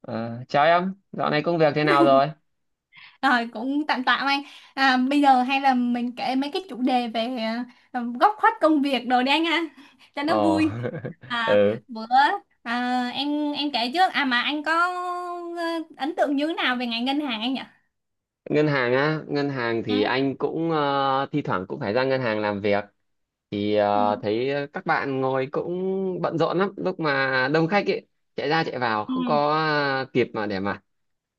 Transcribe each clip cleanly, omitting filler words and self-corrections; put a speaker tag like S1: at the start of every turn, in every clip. S1: Ờ, Chào em, dạo này công việc thế nào rồi?
S2: Rồi cũng tạm tạm anh. Bây giờ hay là mình kể mấy cái chủ đề về góc khuất công việc đồ đi anh ha, cho nó
S1: Ồ,
S2: vui. à,
S1: ừ.
S2: bữa em kể trước, à mà anh có ờ, ấn tượng như thế nào về ngành ngân hàng anh nhỉ?
S1: Ngân hàng á, ngân hàng thì
S2: Ừ.
S1: anh cũng thi thoảng cũng phải ra ngân hàng làm việc. Thì
S2: Ừ.
S1: thấy các bạn ngồi cũng bận rộn lắm, lúc mà đông khách ấy, chạy ra chạy vào,
S2: Ừ.
S1: không có kịp mà để mà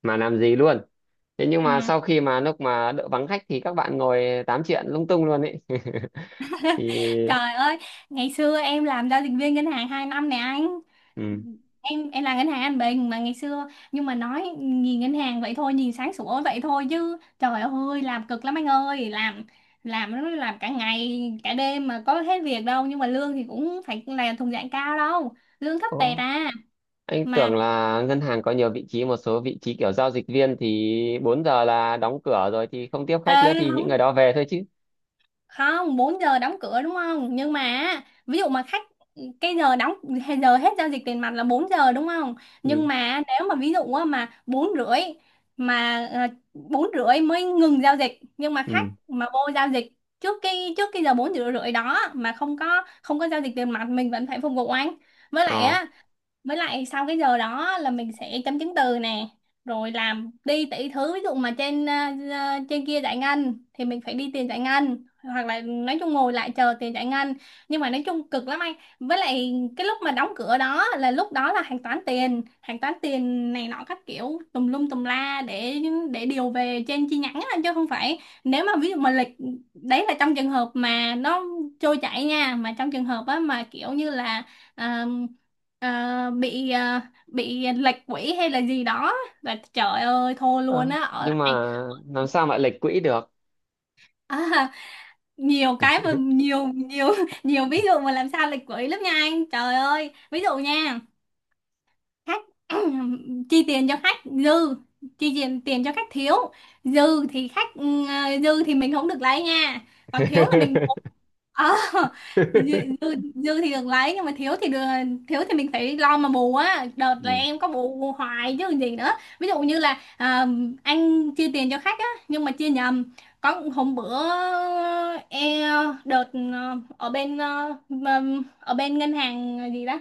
S1: mà làm gì luôn. Thế nhưng mà sau
S2: Ừ.
S1: khi mà lúc mà đỡ vắng khách thì các bạn ngồi tám chuyện lung tung luôn ấy. Thì
S2: Trời ơi, ngày xưa em làm giao dịch viên ngân hàng 2 năm nè anh. Em là ngân hàng An Bình mà ngày xưa, nhưng mà nói nhìn ngân hàng vậy thôi, nhìn sáng sủa vậy thôi, chứ trời ơi làm cực lắm anh ơi, làm làm cả ngày cả đêm mà có hết việc đâu, nhưng mà lương thì cũng phải là thuộc dạng cao đâu, lương thấp
S1: ừ.
S2: tẹt à.
S1: Anh
S2: Mà
S1: tưởng là ngân hàng có nhiều vị trí, một số vị trí kiểu giao dịch viên thì 4 giờ là đóng cửa rồi thì không tiếp khách nữa
S2: ê,
S1: thì những
S2: không
S1: người đó về thôi chứ.
S2: không 4 giờ đóng cửa đúng không, nhưng mà á, ví dụ mà khách, cái giờ đóng hay giờ hết giao dịch tiền mặt là 4 giờ đúng không,
S1: Ừ.
S2: nhưng mà nếu mà ví dụ á, mà 4 rưỡi, mà 4 rưỡi mới ngừng giao dịch, nhưng mà khách
S1: Ừ.
S2: mà vô giao dịch trước cái giờ 4 rưỡi rưỡi đó mà không có giao dịch tiền mặt mình vẫn phải phục vụ anh. Với lại
S1: Ờ.
S2: á, với lại sau cái giờ đó là mình sẽ chấm chứng từ nè, rồi làm đi tỷ thứ, ví dụ mà trên trên kia giải ngân thì mình phải đi tiền giải ngân, hoặc là nói chung ngồi lại chờ tiền giải ngân, nhưng mà nói chung cực lắm anh. Với lại cái lúc mà đóng cửa đó, là lúc đó là hàng toán tiền này nọ các kiểu tùm lum tùm la, để điều về trên chi nhánh á, chứ không phải. Nếu mà ví dụ mà lịch, đấy là trong trường hợp mà nó trôi chảy nha, mà trong trường hợp á mà kiểu như là Ờ, bị bị lệch quỹ hay là gì đó, và trời ơi thôi luôn
S1: Ờ,
S2: á, ở
S1: nhưng mà
S2: lại.
S1: làm sao mà lệch quỹ được?
S2: à, Nhiều cái mà nhiều nhiều nhiều ví dụ mà làm sao lệch quỹ lắm nha anh, trời ơi ví dụ nha, khách chi tiền cho khách dư, chi tiền tiền cho khách thiếu. Dư thì khách dư thì mình không được lấy nha, còn thiếu là mình, à, dư, dư dư thì đừng lấy, nhưng mà thiếu thì đừng, thiếu thì mình phải lo mà bù á, đợt là
S1: ừ.
S2: em có bù hoài chứ còn gì nữa. Ví dụ như là à, anh chia tiền cho khách á nhưng mà chia nhầm. Có hôm bữa, e, đợt ở bên ở bên ngân hàng gì đó,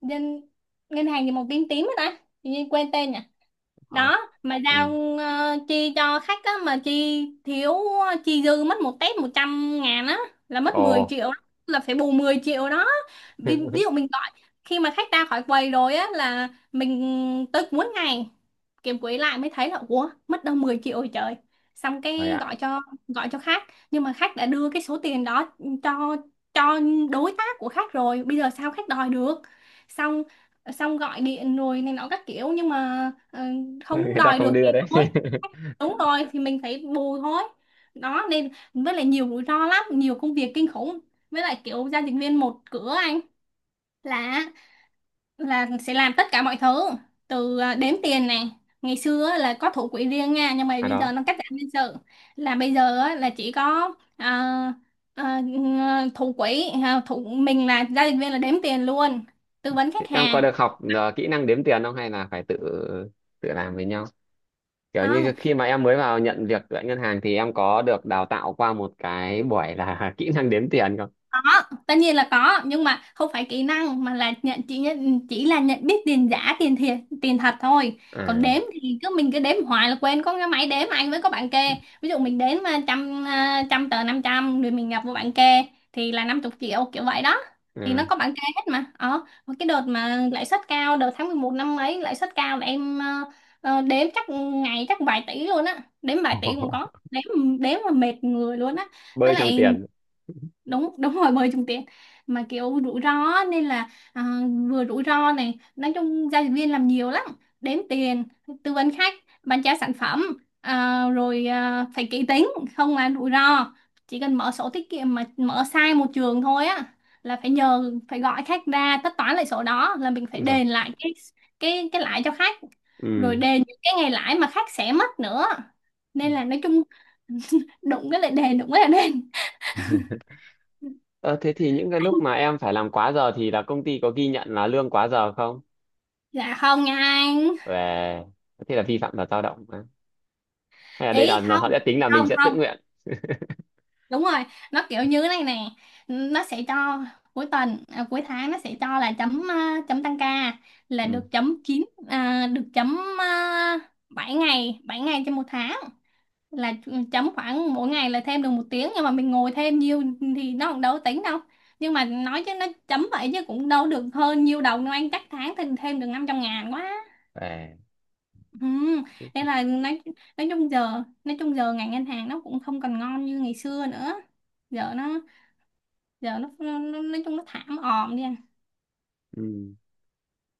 S2: ngân ngân hàng gì màu tím tím đó ta, tự nhiên quên tên nhỉ.
S1: Ờ.
S2: Đó, mà
S1: Ừ.
S2: giao chi cho khách á mà chi thiếu, ờ, chi dư mất một tép trăm ngàn á, là mất 10
S1: Ồ.
S2: triệu đó. Là phải bù 10 triệu đó. Ví dụ mình gọi, khi mà khách ra khỏi quầy rồi á, là mình tới cuối ngày kiếm quỹ lại mới thấy là ủa mất đâu 10 triệu rồi trời. Xong
S1: Rồi
S2: cái
S1: ạ.
S2: gọi cho, gọi cho khách, nhưng mà khách đã đưa cái số tiền đó cho cho đối tác của khách rồi, bây giờ sao khách đòi được. Xong Xong gọi điện rồi này nọ các kiểu, nhưng mà ờ,
S1: Người
S2: không
S1: ta
S2: đòi
S1: không
S2: được
S1: đưa
S2: thì
S1: đấy.
S2: thôi, đúng rồi thì mình phải bù thôi. Đó, nên với lại nhiều rủi ro lắm, nhiều công việc kinh khủng. Với lại kiểu giao dịch viên một cửa anh, là là sẽ làm tất cả mọi thứ, từ à, đếm tiền này. Ngày xưa á, là có thủ quỹ riêng nha, nhưng mà
S1: À
S2: bây
S1: đó.
S2: giờ nó cắt giảm nhân sự, là bây giờ á, là chỉ có à, thủ quỹ, à, thủ mình là giao dịch viên là đếm tiền luôn, tư vấn
S1: Thế
S2: khách
S1: em có
S2: hàng.
S1: được học kỹ năng đếm tiền không hay là phải tự tự làm với nhau? Kiểu
S2: Không,
S1: như khi mà em mới vào nhận việc tại ngân hàng thì em có được đào tạo qua một cái buổi là kỹ năng đếm tiền không?
S2: có, tất nhiên là có, nhưng mà không phải kỹ năng, mà là nhận là nhận biết tiền giả, tiền thật thôi. Còn
S1: À,
S2: đếm thì cứ mình cứ đếm hoài là quên, có cái máy đếm anh, với có bạn kê. Ví dụ mình đếm trăm tờ 500 rồi mình nhập vô bạn kê, thì là năm chục triệu kiểu vậy đó, thì nó
S1: ừ.
S2: có bạn kê hết. Mà cái đợt mà lãi suất cao, đợt tháng 11 năm ấy lãi suất cao, là em đếm chắc ngày chắc vài tỷ luôn á, đếm vài tỷ cũng có đếm, đếm mà mệt người luôn á.
S1: Bơi
S2: Với
S1: trong
S2: lại
S1: tiền.
S2: đúng đúng rồi, bơi trúng tuyển, mà kiểu rủi ro á, nên là à, vừa rủi ro này, nói chung giao dịch viên làm nhiều lắm, đếm tiền, tư vấn khách, bán trả sản phẩm, à, rồi à, phải kỹ tính, không là rủi ro. Chỉ cần mở sổ tiết kiệm mà mở sai một trường thôi á, là phải nhờ, phải gọi khách ra tất toán lại sổ đó, là mình phải
S1: Đúng rồi.
S2: đền lại cái cái lãi cho khách, rồi
S1: Ừ.
S2: đền những cái ngày lãi mà khách sẽ mất nữa. Nên là nói chung đụng cái lại đền, đụng cái lại đền.
S1: Ờ, thế thì những cái lúc mà em phải làm quá giờ thì là công ty có ghi nhận là lương quá giờ không
S2: Dạ không nha anh.
S1: về? Thế là vi phạm luật lao động á? Hay là đây là nó-
S2: Không,
S1: họ sẽ tính là mình
S2: không
S1: sẽ tự
S2: không
S1: nguyện.
S2: đúng rồi, nó kiểu như thế này nè. Nó sẽ cho cuối tuần, à, cuối tháng nó sẽ cho là chấm, à, chấm tăng ca, là
S1: Ừ.
S2: được chấm 9, à, được chấm 7 ngày, 7 ngày trên một tháng, là chấm khoảng mỗi ngày là thêm được một tiếng, nhưng mà mình ngồi thêm nhiều thì nó cũng đâu có tính đâu. Nhưng mà nói chứ nó chấm vậy chứ cũng đâu được hơn nhiều đầu đâu anh, chắc tháng thì thêm được 500 ngàn quá.
S1: À.
S2: Ừ, nên là nói chung giờ, ngành ngân hàng nó cũng không còn ngon như ngày xưa nữa. Giờ nó, giờ nó nói chung nó thảm òm đi à.
S1: Ừ.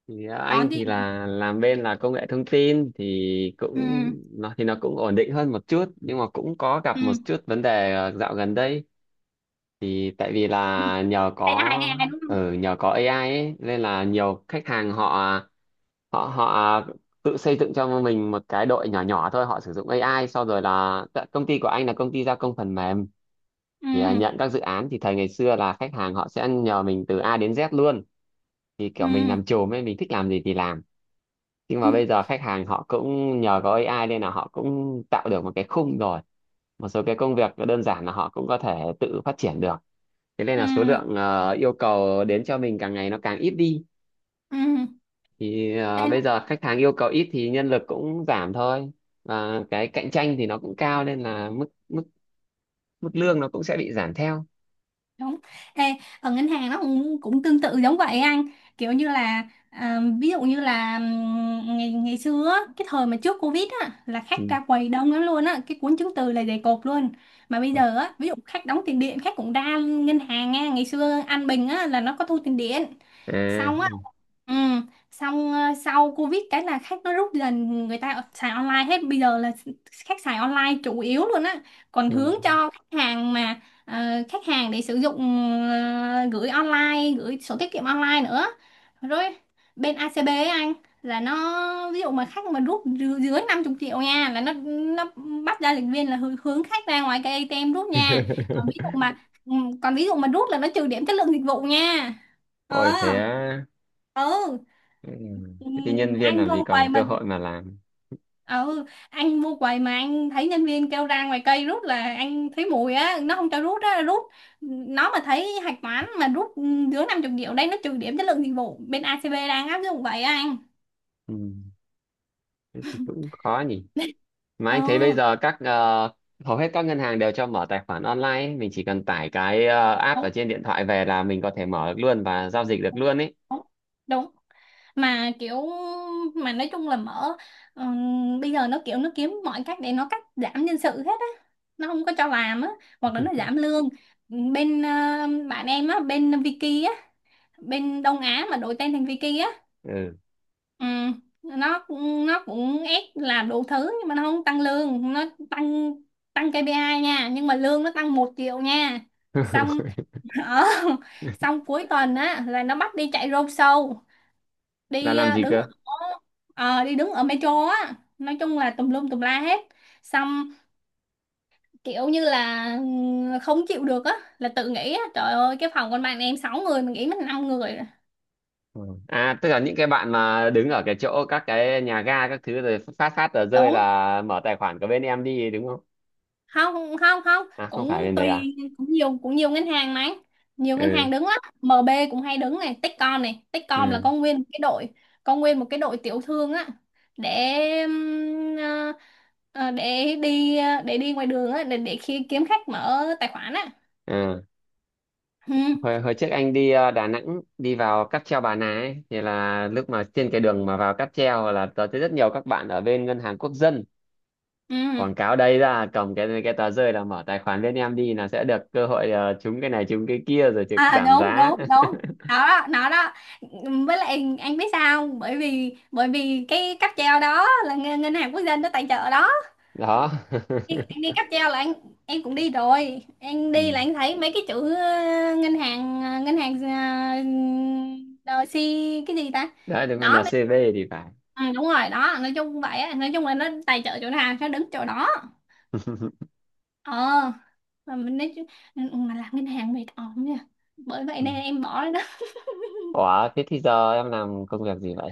S1: Thì anh
S2: Còn gì
S1: thì
S2: nữa?
S1: là làm bên là công nghệ thông tin thì
S2: Ừ.
S1: cũng nó thì nó cũng ổn định hơn một chút nhưng mà cũng có gặp một
S2: Ừ.
S1: chút vấn đề dạo gần đây. Thì tại vì là nhờ
S2: ai ai
S1: có
S2: ai đúng không?
S1: ở nhờ có AI ấy, nên là nhiều khách hàng họ họ họ tự xây dựng cho mình một cái đội nhỏ nhỏ thôi, họ sử dụng AI sau rồi là tại công ty của anh là công ty gia công phần mềm. Thì
S2: Ừ.
S1: nhận các dự án thì thầy ngày xưa là khách hàng họ sẽ nhờ mình từ A đến Z luôn. Thì
S2: Ừ.
S1: kiểu mình làm chùm ấy, mình thích làm gì thì làm, nhưng
S2: Ừ.
S1: mà bây giờ khách hàng họ cũng nhờ có AI nên là họ cũng tạo được một cái khung rồi. Một số cái công việc đơn giản là họ cũng có thể tự phát triển được. Thế nên là số lượng yêu cầu đến cho mình càng ngày nó càng ít đi.
S2: Ừ.
S1: Thì
S2: Ừ.
S1: bây giờ khách hàng yêu cầu ít thì nhân lực cũng giảm thôi. Và cái cạnh tranh thì nó cũng cao nên là mức mức mức lương nó cũng sẽ bị giảm theo.
S2: Đúng. Ê, ở ngân hàng nó cũng tương tự giống vậy anh, kiểu như là à, ví dụ như là ngày ngày xưa á, cái thời mà trước Covid á, là khách
S1: Ừ.
S2: ra quầy đông lắm luôn á, cái cuốn chứng từ là dày cộp luôn. Mà bây giờ á, ví dụ khách đóng tiền điện khách cũng ra ngân hàng nha, ngày xưa An Bình á, là nó có thu tiền điện,
S1: À.
S2: xong, ừ, xong ờ, sau Covid cái là khách nó rút dần, người ta xài online hết, bây giờ là khách xài online chủ yếu luôn á. Còn
S1: Ừ.
S2: hướng cho khách hàng mà ờ, khách hàng để sử dụng gửi online, gửi sổ tiết kiệm online nữa, rồi bên ACB ấy anh, là nó ví dụ mà khách mà dưới 50 triệu nha, là nó nó bắt ra lịch viên là hướng khách ra ngoài cái ATM rút nha. Còn ví dụ mà ừ, còn ví dụ mà rút là nó trừ điểm chất lượng dịch vụ nha.
S1: Ôi
S2: Ờ.
S1: thế á.
S2: Ừ.
S1: Ừ.
S2: Ừ.
S1: Thế thì nhân viên
S2: Anh
S1: làm gì
S2: vô quầy
S1: còn
S2: mà
S1: cơ hội mà làm.
S2: ờ, ừ anh vô quầy mà anh thấy nhân viên kêu ra ngoài cây rút là anh thấy mùi á, nó không cho rút á, rút, ừ, nó mà thấy hạch toán mà rút, ừ, dưới năm chục triệu đây nó trừ điểm chất lượng dịch vụ, bên ACB đang áp dụng vậy á anh.
S1: Ừ. Thế thì cũng khó nhỉ. Mà
S2: Ờ,
S1: anh thấy bây giờ các hầu hết các ngân hàng đều cho mở tài khoản online ấy. Mình chỉ cần tải cái app
S2: đúng
S1: ở trên điện thoại về là mình có thể mở được luôn và giao dịch được
S2: đúng
S1: luôn ấy.
S2: đúng đúng. Mà kiểu, mà nói chung là mở, bây giờ nó kiểu nó kiếm mọi cách để nó cắt giảm nhân sự hết á, nó không có cho làm á, hoặc là nó giảm lương. Bên ờ, bạn em á bên Vicky, bên Đông Á mà đổi tên thành Vicky á.
S1: Ừ.
S2: Ừ. Nó, cũng ép làm đủ thứ nhưng mà nó không tăng lương, nó tăng tăng KPI nha, nhưng mà lương nó tăng một triệu nha. Xong ở xong cuối tuần á là nó bắt đi chạy road show,
S1: Là
S2: đi
S1: làm
S2: ờ,
S1: gì
S2: đứng ở
S1: cơ?
S2: ờ, đi đứng ở metro á, nói chung là tùm lum tùm la hết. Xong kiểu như là ừ, không chịu được á, là tự nghĩ á trời ơi cái phòng con bạn em 6 người, mình nghĩ mình 5 người rồi.
S1: Ừ. À tức là những cái bạn mà đứng ở cái chỗ các cái nhà ga các thứ rồi phát phát tờ rơi
S2: Đúng.
S1: là mở tài khoản của bên em đi đúng không?
S2: Không không không
S1: À không phải
S2: cũng
S1: bên đấy à?
S2: tùy, cũng nhiều, cũng nhiều ngân hàng mà, nhiều ngân
S1: Ừ.
S2: hàng đứng lắm, MB cũng hay đứng này, Techcom này, Techcom là
S1: Ừ.
S2: có nguyên một cái đội, có nguyên một cái đội tiểu thương á, để ừm, ờ, để đi ngoài đường á, để khi kiếm khách mở tài khoản á.
S1: Ừ.
S2: Ừ.
S1: hồi hồi trước anh đi Đà Nẵng đi vào cáp treo Bà Nà ấy, thì là lúc mà trên cái đường mà vào cáp treo là tớ thấy rất nhiều các bạn ở bên ngân hàng quốc dân
S2: Ừ.
S1: quảng cáo đây ra cầm cái tờ rơi là mở tài khoản bên em đi là sẽ được cơ hội trúng cái này trúng cái kia rồi trực
S2: À
S1: giảm
S2: đúng
S1: giá.
S2: đúng đúng nó đó, nó đó. Với lại anh biết sao không? Bởi vì cái cáp treo đó là ngân ngân hàng quốc dân nó tài trợ đó.
S1: Đó.
S2: Anh đi cáp treo là anh em cũng đi rồi, anh đi
S1: Ừ.
S2: là anh thấy mấy cái chữ ờ, ngân hàng si, cái gì ta.
S1: Đấy đúng rồi,
S2: Đó mấy-,
S1: NCV thì phải.
S2: ừ, đúng rồi đó, nói chung vậy á, nói chung là nó tài trợ chỗ nào nó đứng chỗ đó. Ờ, mà mình nói chứ-, ừ, ừ, mà làm ngân hàng mệt ỏm nha, bởi vậy
S1: Ừ.
S2: nên em bỏ rồi đó.
S1: Ủa thế thì giờ em làm công việc gì vậy?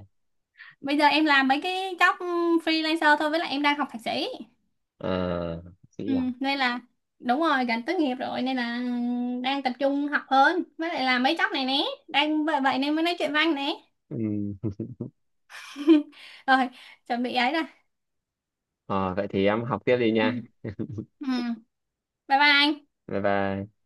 S2: Bây giờ em làm mấy cái job freelancer thôi, với lại em đang học thạc sĩ.
S1: À, bác
S2: Ừ,
S1: sĩ à?
S2: nên là đúng rồi, gần tốt nghiệp rồi, nên là đang tập trung học hơn, với lại là mấy chóc này nè, đang vậy vậy nên mới nói chuyện với anh nè.
S1: Ừ.
S2: Rồi, chuẩn bị ấy rồi.
S1: Ờ, vậy thì em học tiếp đi
S2: Ừ.
S1: nha.
S2: Ừ. Bye bye anh.
S1: Bye bye.